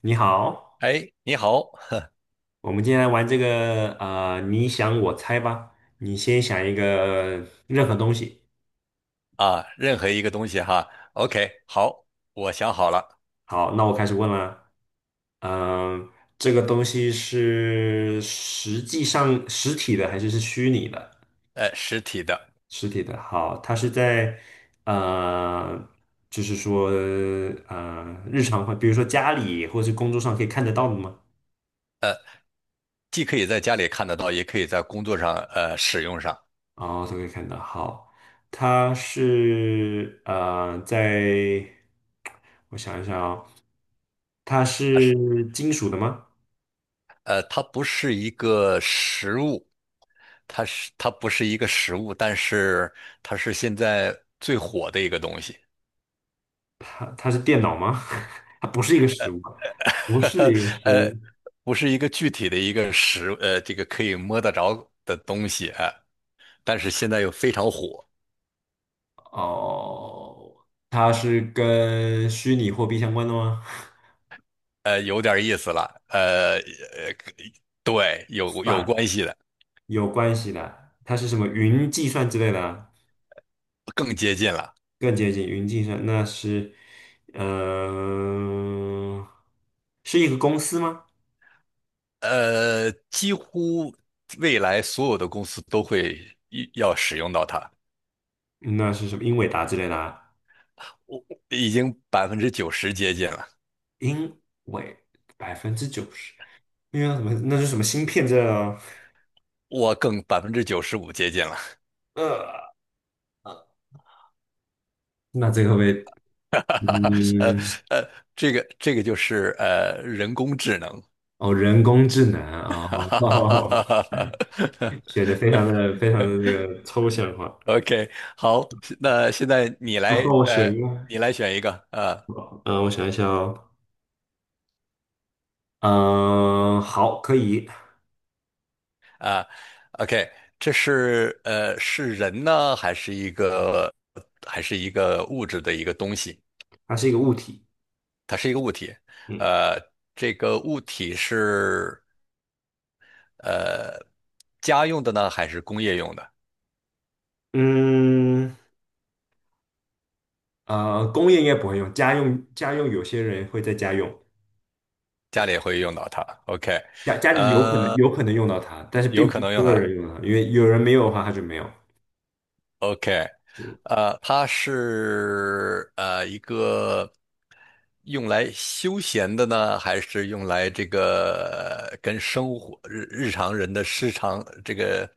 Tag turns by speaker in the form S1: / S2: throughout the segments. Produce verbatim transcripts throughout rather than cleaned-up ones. S1: 你好，
S2: 哎，你好
S1: 我们今天来玩这个呃，你想我猜吧。你先想一个任何东西。
S2: 啊，任何一个东西哈，OK，好，我想好了。
S1: 好，那我开始问了。嗯、这个东西是实际上实体的还是是虚拟的？
S2: 呃，实体的，
S1: 实体的。好，它是在呃，就是说呃，日常会，比如说家里或是工作上可以看得到的吗？
S2: 既可以在家里看得到，也可以在工作上呃使用上。
S1: 哦，都可以看到。好，它是呃，在我想一想，哦，它
S2: 啊是，
S1: 是金属的吗？
S2: 呃，它不是一个实物，它是它不是一个实物，但是它是现在最火的一个东西。
S1: 它它是电脑吗？它不是一个实物，不是一个 实
S2: 呃，
S1: 物。
S2: 不是一个具体的一个实，呃，这个可以摸得着的东西啊，但是现在又非常火。
S1: 哦，它是跟虚拟货币相关的吗？
S2: 呃，有点意思了，呃，呃，对，有有
S1: 算
S2: 关系的。
S1: 有关系的，它是什么云计算之类的啊？
S2: 更接近了。
S1: 更接近云计算。那是，呃，是一个公司吗？
S2: 呃，几乎未来所有的公司都会一要使用到它。
S1: 那是什么英伟达之类的啊？
S2: 我我已经百分之九十接近了，
S1: 英伟百分之九十，那为什么？那是什么芯片这？呃，
S2: 我更百分之九十五接近了。
S1: 呃那这个会不会
S2: 呃
S1: 嗯，
S2: 呃，这个这个就是呃人工智能。
S1: 哦，人工智能啊，哦，写的非常的 非常的这个抽象化。
S2: OK，好，那现在你
S1: 那
S2: 来，
S1: 我选
S2: 呃，
S1: 一个，
S2: 你来选一个啊。
S1: 嗯，我想一下哦，嗯，好，可以，
S2: 啊 OK，这是呃是人呢，还是一个还是一个物质的一个东西？
S1: 它是一个物体，
S2: 它是一个物体。
S1: 嗯
S2: 呃，这个物体是呃家用的呢，还是工业用的？
S1: 嗯，呃，工业应该不会用，家用家用有些人会在家用。
S2: 家
S1: 对。
S2: 里也会用到它。OK。
S1: 家家里有可能
S2: 呃，
S1: 有可能用到它，但是
S2: 有
S1: 并
S2: 可
S1: 不是
S2: 能
S1: 所
S2: 用
S1: 有
S2: 的。
S1: 人用到它，因为有人没有的话，它就没有。
S2: OK，
S1: 嗯，
S2: 呃，它是呃一个。用来休闲的呢，还是用来这个呃跟生活日日常人的日常这个，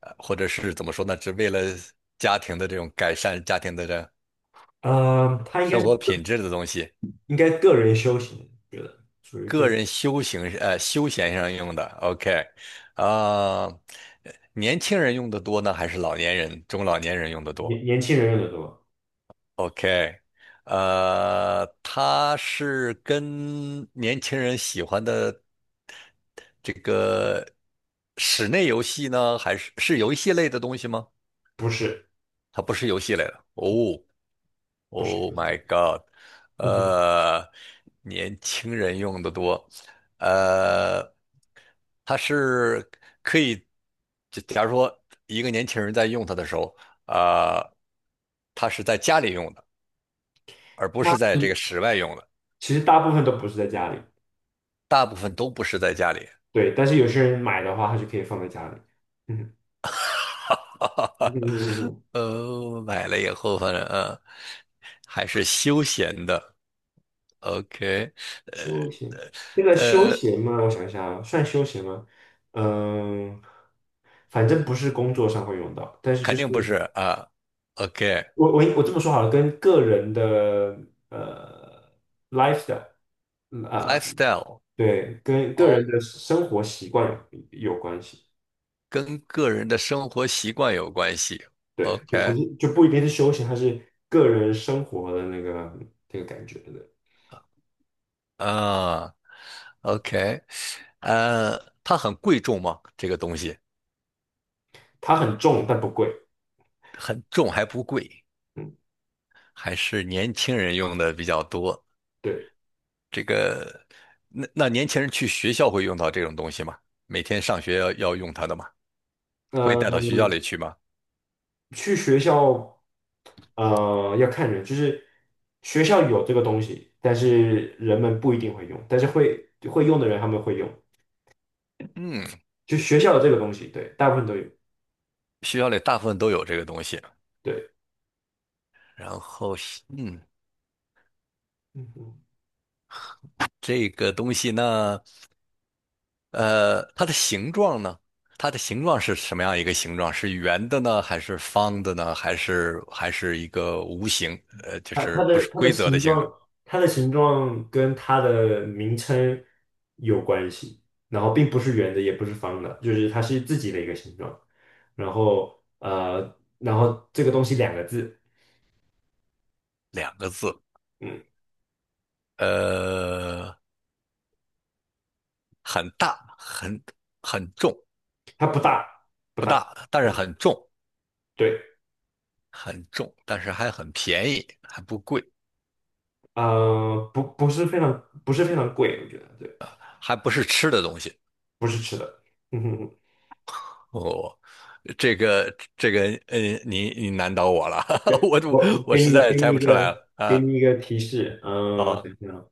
S2: 呃，或者是怎么说呢，只为了家庭的这种改善家庭的这
S1: 呃，它应该
S2: 生
S1: 是
S2: 活品质的东西，
S1: 应该个人修行，觉得属于个
S2: 个
S1: 人。
S2: 人修行呃休闲上用的，OK。啊、年轻人用的多呢，还是老年人、中老年人用的多
S1: 年年轻人用的多，
S2: ？OK。呃，他是跟年轻人喜欢的这个室内游戏呢，还是是游戏类的东西吗？
S1: 不是
S2: 它不是游戏类的。哦
S1: 不是
S2: ，Oh
S1: 不是，
S2: my God，
S1: 嗯哼，
S2: 呃，年轻人用的多。呃，它是可以，就假如说一个年轻人在用它的时候，啊、他是在家里用的，而不是
S1: 那
S2: 在这个室外用的，
S1: 其实大部分都不是在家里，
S2: 大部分都不是在家里。
S1: 对，但是有些人买的话，他就可以放在家里。嗯，嗯嗯嗯 嗯，
S2: 呃，买了以后，反正啊，呃还是休闲的。OK。
S1: 休闲，这个休
S2: 呃呃，
S1: 闲嘛，我想一下啊，算休闲吗？嗯，反正不是工作上会用到，但是就
S2: 肯
S1: 是。
S2: 定不是啊。
S1: 我我我这么说好了，跟个人的呃 lifestyle，
S2: OK，lifestyle。
S1: 对，跟个人
S2: 哦，
S1: 的生活习惯有有关系，
S2: 跟个人的生活习惯有关系。
S1: 对，就不
S2: OK
S1: 是就不一定是休闲，它是个人生活的那个这个感觉的。
S2: 啊，OK。呃，它很贵重吗？这个东西
S1: 它很重但不贵，
S2: 很重还不贵。
S1: 嗯，
S2: 还是年轻人用的比较多。
S1: 对，
S2: 这个，那那年轻人去学校会用到这种东西吗？每天上学要要用它的吗？会
S1: 呃，
S2: 带到学校里去吗？
S1: 去学校，呃，要看人，就是学校有这个东西，但是人们不一定会用，但是会会用的人他们会用，
S2: 嗯，
S1: 就学校有这个东西，对，大部分都有，
S2: 学校里大部分都有这个东西。
S1: 对。
S2: 然后是嗯，
S1: 嗯哼
S2: 这个东西呢，呃，它的形状呢，它的形状是什么样一个形状？是圆的呢，还是方的呢，还是还是一个无形？呃，就
S1: 它
S2: 是
S1: 它
S2: 不
S1: 的
S2: 是
S1: 它的
S2: 规则的
S1: 形
S2: 形状？
S1: 状，它的形状跟它的名称有关系，然后并不是圆的，也不是方的，就是它是自己的一个形状。然后呃，然后这个东西两个字，
S2: 两个字，
S1: 嗯，
S2: 呃，很大，很很重。
S1: 它不大，不
S2: 不
S1: 大，
S2: 大，但是
S1: 嗯，
S2: 很重。
S1: 对，
S2: 很重，但是还很便宜，还不贵，
S1: 呃，不不是非常不是非常贵，我觉得对，
S2: 还不是吃的东西。
S1: 不是吃的，嗯哼哼，
S2: 哦，这个这个，嗯，你你难倒我了，
S1: 对，
S2: 我
S1: 我我
S2: 我
S1: 给
S2: 实
S1: 你
S2: 在
S1: 给你
S2: 猜不
S1: 一
S2: 出来
S1: 个
S2: 了
S1: 给
S2: 啊。
S1: 你一个提示，嗯、呃
S2: 哦，
S1: 想想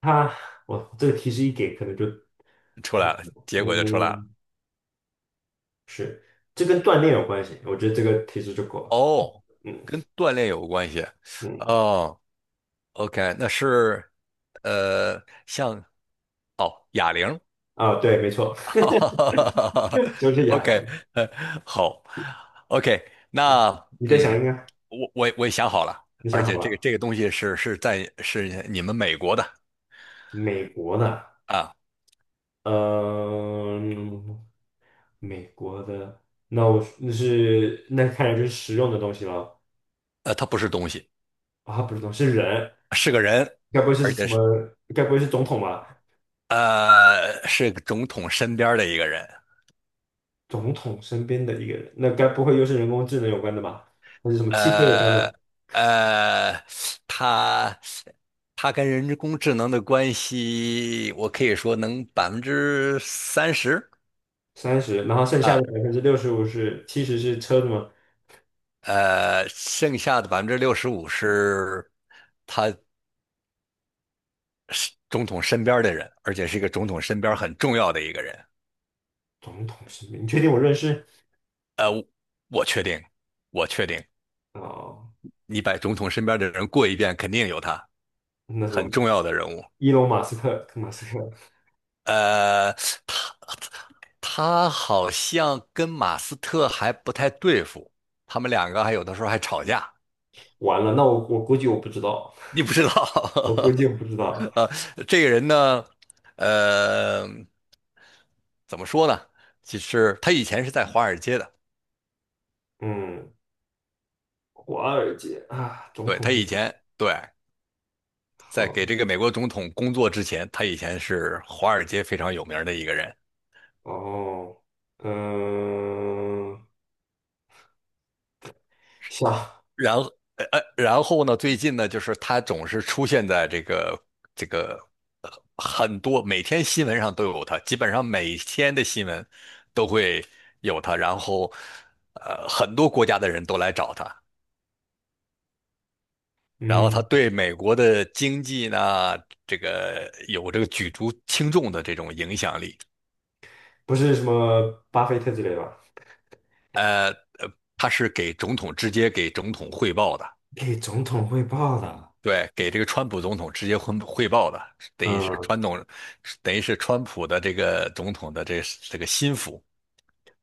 S1: 他，我这个提示一给，可能就，
S2: 出
S1: 我想
S2: 来了，
S1: 想
S2: 结果就出来了。
S1: 嗯，是，这跟锻炼有关系，我觉得这个提示就够了。
S2: 哦，
S1: 嗯
S2: 跟锻炼有关系。
S1: 嗯，
S2: 哦，OK，那是呃，像哦哑铃。
S1: 啊，对，没错，就 是哑
S2: OK，
S1: 铃。
S2: 呃好，OK，那
S1: 你再想一
S2: 嗯，
S1: 个，
S2: 我我我也想好了，
S1: 你
S2: 而
S1: 想好
S2: 且这个
S1: 了？
S2: 这个东西是是在是你们美国的
S1: 美国的，
S2: 啊。
S1: 嗯、美国的，那我那是那看来就是实用的东西了。
S2: 呃，它不是东西。
S1: 啊，不是东西是人，
S2: 是个人，
S1: 该不会是
S2: 而
S1: 什
S2: 且
S1: 么？
S2: 是
S1: 该不会是总统吧？
S2: 呃是总统身边的一个人。
S1: 总统身边的一个人，那该不会又是人工智能有关的吧？还是什么汽车有关
S2: 呃
S1: 的？
S2: 呃，他他跟人工智能的关系，我可以说能百分之三十。
S1: 三十，然后剩下的
S2: 啊，
S1: 百分之六十五是七十是车的吗？
S2: 呃，剩下的百分之六十五是他是总统身边的人，而且是一个总统身边很重要的一个人。
S1: 总统是你确定我认识？
S2: 呃，我确定，我确定，
S1: 哦，
S2: 你把总统身边的人过一遍，肯定有他，
S1: 那什么
S2: 很重要的人物。
S1: 伊隆 马斯克，马斯克，
S2: 呃，他他好像跟马斯特还不太对付，他们两个还有的时候还吵架。
S1: 完了，那我我估计我不知道，
S2: 你不知道。
S1: 我估计 我不知道。
S2: 呃，这个人呢，呃，怎么说呢？其实他以前是在华尔街的。
S1: 嗯，华尔街啊，总
S2: 对，
S1: 统
S2: 他
S1: 不
S2: 以
S1: 懂。
S2: 前对在
S1: 好
S2: 给这个美国总统工作之前，他以前是华尔街非常有名的一个人。
S1: 哦，嗯、下
S2: 然后，呃，呃然后呢，最近呢，就是他总是出现在这个这个很多，每天新闻上都有他，基本上每天的新闻都会有他。然后，呃，很多国家的人都来找他，然后他
S1: 嗯，
S2: 对美国的经济呢，这个有这个举足轻重的这种影响力。
S1: 不是什么巴菲特之类吧？
S2: 他是给总统直接给总统汇报的。
S1: 给总统汇报的，
S2: 对，给这个川普总统直接汇汇报的，等于是
S1: 嗯，
S2: 川总，等于是川普的这个总统的这这个心腹。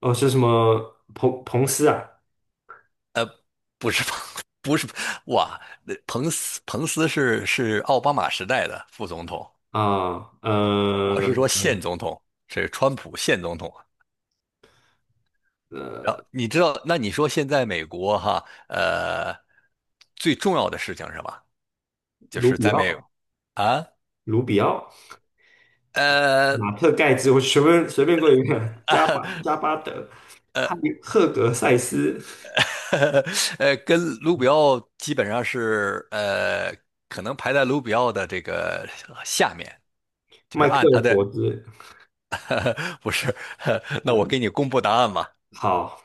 S1: 哦，是什么彭彭斯啊？
S2: 不是彭，不是哇，那彭斯彭斯是是奥巴马时代的副总统，
S1: 啊，
S2: 我
S1: 呃，
S2: 是说现总统，是川普现总统。然
S1: 呃
S2: 后你知道，那你说现在美国哈，呃，最重要的事情是吧？就
S1: 卢
S2: 是
S1: 比
S2: 在美
S1: 奥。
S2: 啊，
S1: 卢比奥、马
S2: 呃
S1: 特盖茨，我随便随便过一遍，加
S2: 啊
S1: 巴加巴德、
S2: 呃
S1: 汉赫格塞斯、
S2: 呃，跟卢比奥基本上是呃，可能排在卢比奥的这个下面，就是
S1: 麦克
S2: 按
S1: 尔
S2: 他
S1: 伯
S2: 的
S1: 兹，
S2: 不是，那我
S1: 嗯，
S2: 给你公布答案吧。
S1: 好，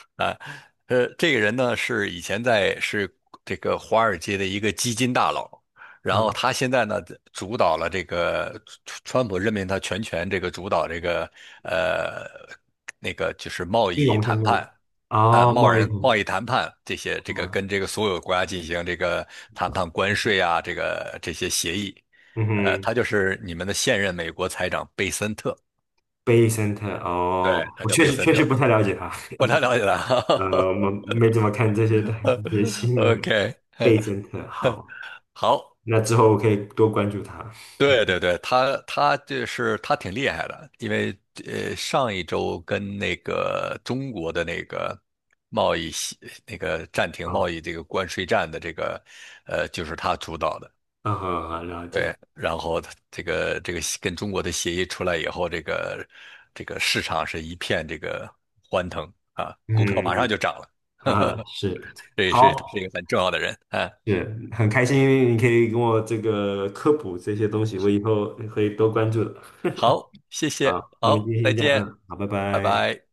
S2: 呃，这个人呢是以前在是这个华尔街的一个基金大佬，然后
S1: 嗯，
S2: 他现在呢主导了这个川川普任命他全权这个主导这个呃那个就是贸
S1: 金
S2: 易
S1: 融
S2: 谈
S1: 相关
S2: 判
S1: 的，
S2: 啊
S1: 哦，
S2: 贸
S1: 贸易
S2: 然贸
S1: 通，
S2: 易谈判这些这个
S1: 啊，
S2: 跟这个所有国家进行这个谈判关税啊这个这些协议。
S1: 嗯
S2: 呃，
S1: 哼
S2: 他就是你们的现任美国财长贝森特。
S1: ，Bay Center，哦，
S2: 对，他
S1: 我
S2: 叫
S1: 确
S2: 贝
S1: 实
S2: 森
S1: 确实
S2: 特，
S1: 不太了解他，
S2: 不太了解他
S1: 呃，我们没怎么看这些的这些 新
S2: ，OK
S1: 闻。贝森特，好，
S2: 好，
S1: 那之后我可以多关注他。
S2: 对对对，他他就是他挺厉害的，因为呃上一周跟那个中国的那个贸易协那个暂停贸
S1: 啊，
S2: 易这个关税战的这个呃就是他主导的。
S1: 嗯，好，好了解，
S2: 对，然后他这个这个跟中国的协议出来以后，这个这个市场是一片这个欢腾啊，股票马上
S1: 嗯，
S2: 就涨了。
S1: 啊，是，
S2: 这也是他是一
S1: 好。
S2: 个很重要的人啊。
S1: 是很开心，你可以跟我这个科普这些东西，我以后会多关注的。
S2: 好，谢
S1: 啊，
S2: 谢，
S1: 那么今
S2: 好，
S1: 天
S2: 再
S1: 先这样，
S2: 见，
S1: 嗯，好，拜
S2: 拜
S1: 拜。
S2: 拜。